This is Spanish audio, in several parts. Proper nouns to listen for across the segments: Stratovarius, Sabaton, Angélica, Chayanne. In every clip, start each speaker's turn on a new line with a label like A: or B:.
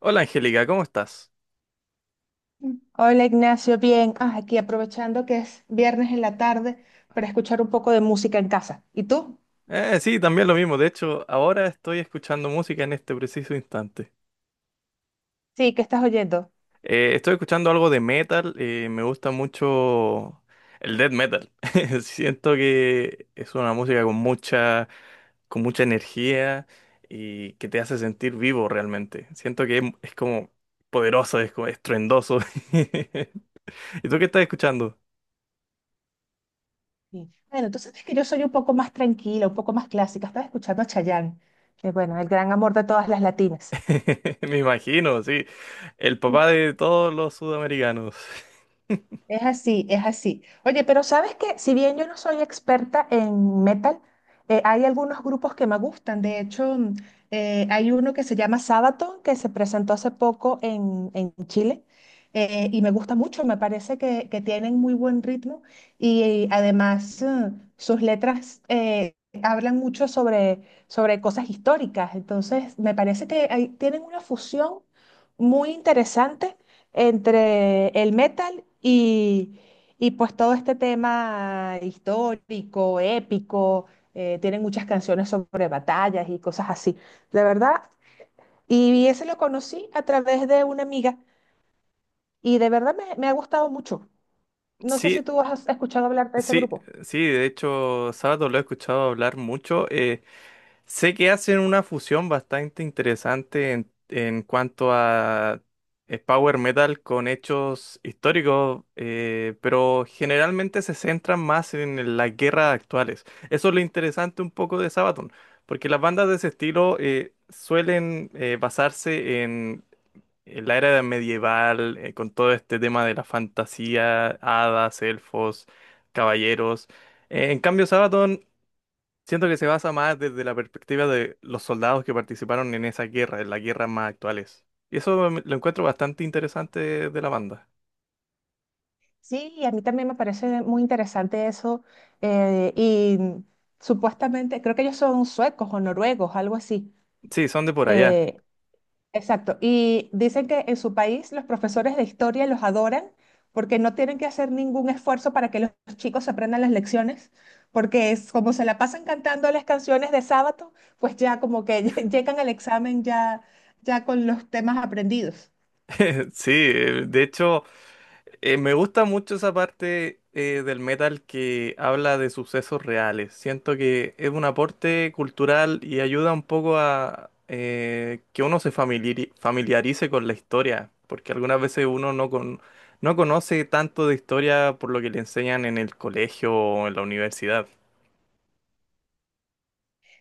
A: Hola Angélica, ¿cómo estás?
B: Hola Ignacio, bien. Ah, aquí aprovechando que es viernes en la tarde para escuchar un poco de música en casa. ¿Y tú?
A: Sí, también lo mismo. De hecho, ahora estoy escuchando música en este preciso instante.
B: Sí, ¿qué estás oyendo?
A: Estoy escuchando algo de metal. Me gusta mucho el death metal. Siento que es una música con mucha energía y que te hace sentir vivo realmente. Siento que es como poderoso, es como estruendoso. ¿Y tú qué estás escuchando?
B: Sí. Bueno, tú sabes que yo soy un poco más tranquila, un poco más clásica. Estaba escuchando a Chayanne, que bueno, el gran amor de todas las latinas.
A: Me imagino, sí. El papá de todos los sudamericanos.
B: Es así, es así. Oye, pero sabes que si bien yo no soy experta en metal, hay algunos grupos que me gustan. De hecho, hay uno que se llama Sabaton, que se presentó hace poco en Chile, y me gusta mucho, me parece que tienen muy buen ritmo y, además sus letras hablan mucho sobre cosas históricas. Entonces, me parece que ahí tienen una fusión muy interesante entre el metal y pues todo este tema histórico, épico, tienen muchas canciones sobre batallas y cosas así, de verdad. Y ese lo conocí a través de una amiga y de verdad me ha gustado mucho. No sé si
A: Sí,
B: tú has escuchado hablar de ese
A: sí,
B: grupo.
A: sí, de hecho, Sábado lo he escuchado hablar mucho. Sé que hacen una fusión bastante interesante en cuanto a power metal con hechos históricos, pero generalmente se centran más en las guerras actuales. Eso es lo interesante un poco de Sabaton, porque las bandas de ese estilo suelen basarse la era medieval, con todo este tema de la fantasía, hadas, elfos, caballeros. En cambio, Sabaton siento que se basa más desde la perspectiva de los soldados que participaron en esa guerra, en las guerras más actuales. Y lo encuentro bastante interesante de la banda.
B: Sí, y a mí también me parece muy interesante eso. Y supuestamente, creo que ellos son suecos o noruegos, algo así.
A: Sí, son de por allá.
B: Eh, Exacto. Y dicen que en su país los profesores de historia los adoran porque no tienen que hacer ningún esfuerzo para que los chicos aprendan las lecciones, porque es como se la pasan cantando las canciones de sábado, pues ya como que llegan al examen ya, ya con los temas aprendidos.
A: Sí, de hecho. Me gusta mucho esa parte del metal que habla de sucesos reales. Siento que es un aporte cultural y ayuda un poco a que uno se familiarice con la historia, porque algunas veces uno no, con- no conoce tanto de historia por lo que le enseñan en el colegio o en la universidad.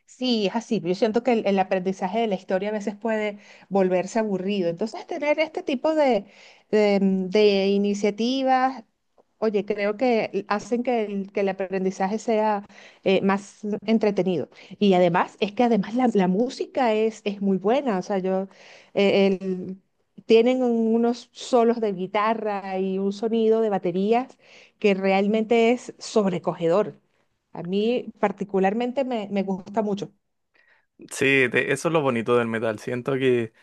B: Sí, es así. Yo siento que el aprendizaje de la historia a veces puede volverse aburrido. Entonces, tener este tipo de iniciativas, oye, creo que hacen que que el aprendizaje sea más entretenido. Y además, es que además la música es muy buena. O sea, yo, eh, el- tienen unos solos de guitarra y un sonido de baterías que realmente es sobrecogedor. A mí particularmente me gusta mucho.
A: Sí, eso es lo bonito del metal. Siento que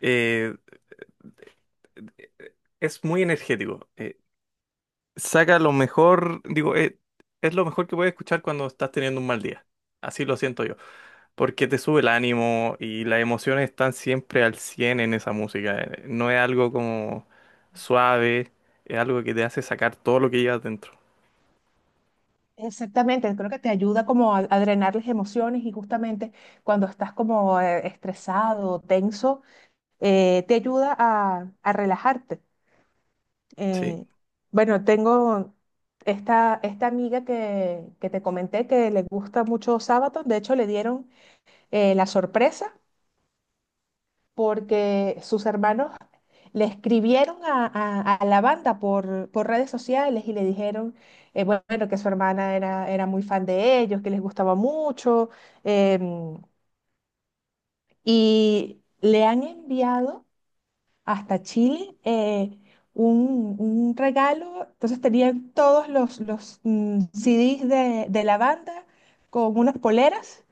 A: eh, es muy energético. Saca lo mejor, digo, es lo mejor que puedes escuchar cuando estás teniendo un mal día. Así lo siento yo, porque te sube el ánimo y las emociones están siempre al 100 en esa música. No es algo como suave, es algo que te hace sacar todo lo que llevas dentro.
B: Exactamente, creo que te ayuda como a drenar las emociones y justamente cuando estás como estresado, tenso, te ayuda a relajarte.
A: Sí.
B: Eh, bueno, tengo esta amiga que te comenté que le gusta mucho Sabaton, de hecho le dieron la sorpresa porque sus hermanos le escribieron a la banda por redes sociales y le dijeron, bueno, que su hermana era muy fan de ellos, que les gustaba mucho, em, y le han enviado hasta Chile un regalo, entonces tenían todos CDs de la banda con unas poleras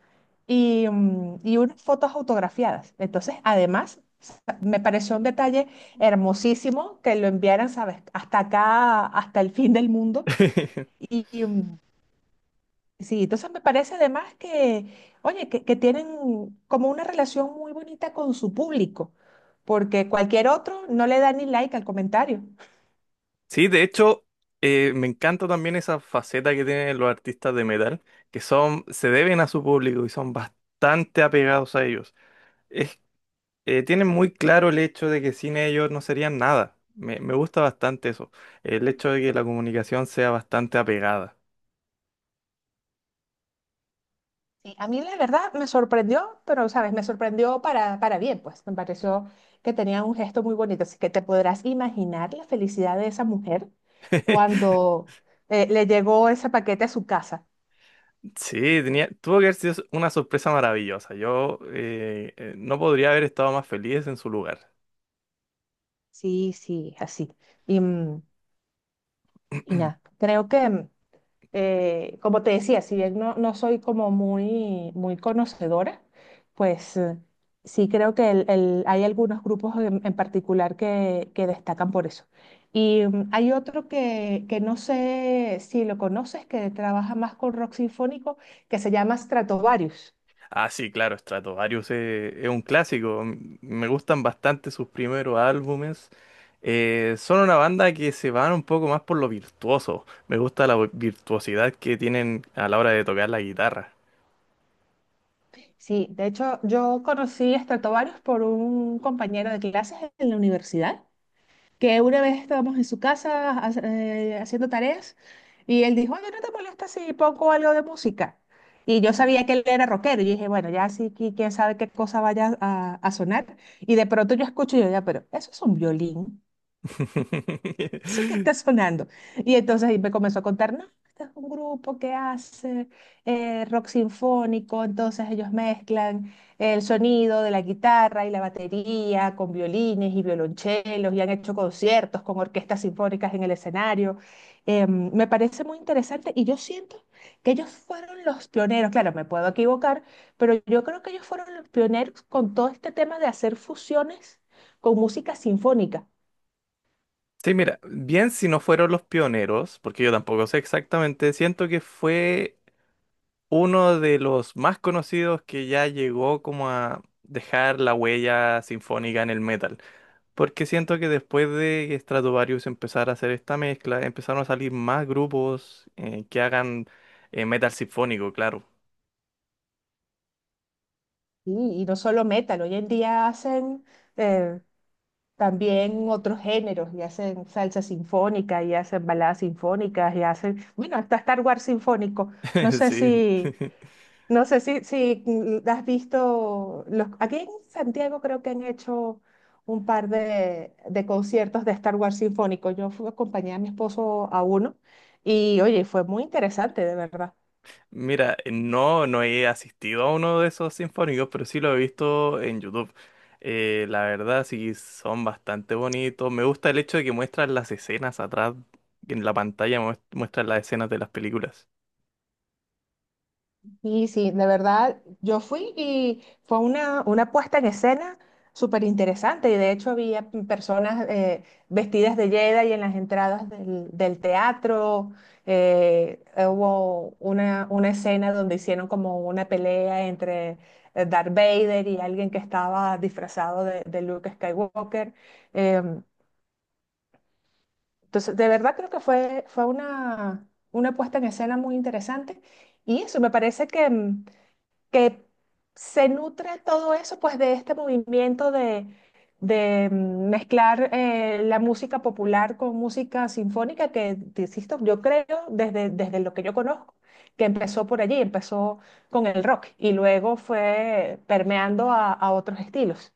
B: y, y unas fotos autografiadas. Entonces, además, me pareció un detalle hermosísimo que lo enviaran, ¿sabes? Hasta acá, hasta el fin del mundo. Y, y, mm, sí, entonces me parece además que, oye, que tienen como una relación muy bonita con su público, porque cualquier otro no le da ni like al comentario.
A: Sí, de hecho, me encanta también esa faceta que tienen los artistas de metal, se deben a su público y son bastante apegados a ellos. Tienen muy claro el hecho de que sin ellos no serían nada. Me gusta bastante eso, el hecho de que la comunicación sea bastante apegada.
B: Sí, a mí la verdad me sorprendió, pero sabes, me sorprendió para bien, pues me pareció que tenía un gesto muy bonito, así que te podrás imaginar la felicidad de esa mujer cuando le llegó ese paquete a su casa.
A: Sí, tenía, tuvo que haber sido una sorpresa maravillosa. Yo no podría haber estado más feliz en su lugar.
B: Sí, sí, así. Y, mm, y nada, creo que como te decía, si bien no soy como muy, muy conocedora, pues sí creo que hay algunos grupos en particular que destacan por eso. Y hay otro que no sé si lo conoces, que trabaja más con rock sinfónico, que se llama Stratovarius.
A: Ah, sí, claro, es un clásico. Me gustan bastante sus primeros álbumes. Son una banda que se van un poco más por lo virtuoso. Me gusta la virtuosidad que tienen a la hora de tocar la guitarra.
B: Sí, de hecho yo conocí a Stratovarius por un compañero de clases en la universidad que una vez estábamos en su casa haciendo tareas y él dijo, oye, ¿no te molesta si pongo algo de música? Y yo sabía que él era rockero y dije, bueno, ya sí, que quién sabe qué cosa vaya a sonar. Y de pronto yo escucho y yo, ya, pero eso es un violín eso que está sonando. Y entonces ahí me comenzó a contar, no, este es un grupo que hace rock sinfónico, entonces ellos mezclan el sonido de la guitarra y la batería con violines y violonchelos y han hecho conciertos con orquestas sinfónicas en el escenario. Me parece muy interesante y yo siento que ellos fueron los pioneros, claro, me puedo equivocar, pero yo creo que ellos fueron los pioneros con todo este tema de hacer fusiones con música sinfónica.
A: Sí, mira, bien si no fueron los pioneros, porque yo tampoco sé exactamente, siento que fue uno de los más conocidos que ya llegó como a dejar la huella sinfónica en el metal, porque siento que después de que Stratovarius empezara a hacer esta mezcla, empezaron a salir más grupos que hagan metal sinfónico, claro.
B: Sí, y no solo metal, hoy en día hacen eh, también otros géneros, y hacen salsa sinfónica, y hacen baladas sinfónicas, y hacen, bueno, hasta Star Wars sinfónico. No sé
A: Sí.
B: si has visto, los, aquí en Santiago creo que han hecho un par de conciertos de Star Wars sinfónico. Yo fui acompañada a mi esposo a uno, y oye, fue muy interesante, de verdad.
A: Mira, no, no he asistido a uno de esos sinfónicos, pero sí lo he visto en YouTube. La verdad, sí, son bastante bonitos. Me gusta el hecho de que muestran las escenas atrás, en la pantalla muestran las escenas de las películas.
B: Sí, sí, de verdad, yo fui y fue una puesta en escena súper interesante. Y de hecho había personas vestidas de Jedi en las entradas del teatro. Eh, Hubo una escena donde hicieron como una pelea entre Darth Vader y alguien que estaba disfrazado de Luke Skywalker. Em, entonces, de verdad creo que fue, fue una puesta en escena muy interesante. Y eso me parece que se nutre todo eso, pues de este movimiento de mezclar la música popular con música sinfónica, que, te insisto, yo creo, desde lo que yo conozco, que empezó por allí, empezó con el rock y luego fue permeando a otros estilos.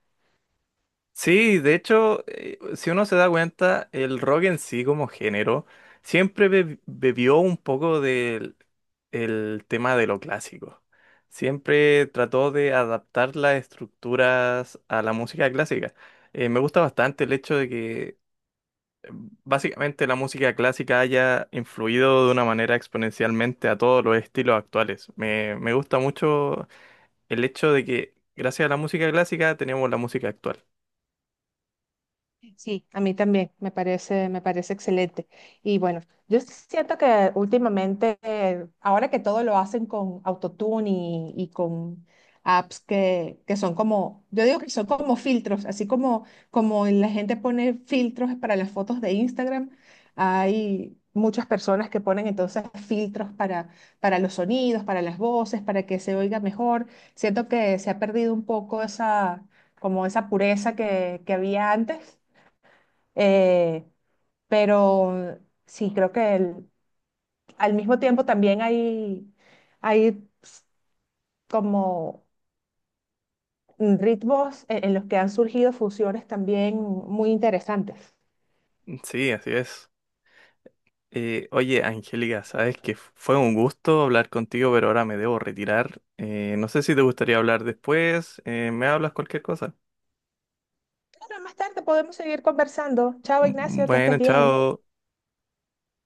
A: Sí, de hecho, si uno se da cuenta, el rock en sí como género siempre bebió un poco del el tema de lo clásico. Siempre trató de adaptar las estructuras a la música clásica. Me gusta bastante el hecho de que eh, básicamente la música clásica haya influido de una manera exponencialmente a todos los estilos actuales. Me gusta mucho el hecho de que gracias a la música clásica tenemos la música actual.
B: Sí, a mí también, me parece excelente. Y bueno, yo siento que últimamente, ahora que todo lo hacen con autotune y con apps que son como, yo digo que son como filtros, así como, como la gente pone filtros para las fotos de Instagram, hay muchas personas que ponen entonces filtros para los sonidos, para las voces, para que se oiga mejor. Siento que se ha perdido un poco esa, como esa pureza que había antes, eh, pero sí, creo que al mismo tiempo también hay como ritmos en los que han surgido fusiones también muy interesantes.
A: Sí, así es. Oye, Angélica, sabes que fue un gusto hablar contigo, pero ahora me debo retirar. No sé si te gustaría hablar después. Me hablas cualquier cosa.
B: Claro, más tarde podemos seguir conversando. Chao,
A: M-
B: Ignacio, que estés
A: Bueno,
B: bien.
A: chao.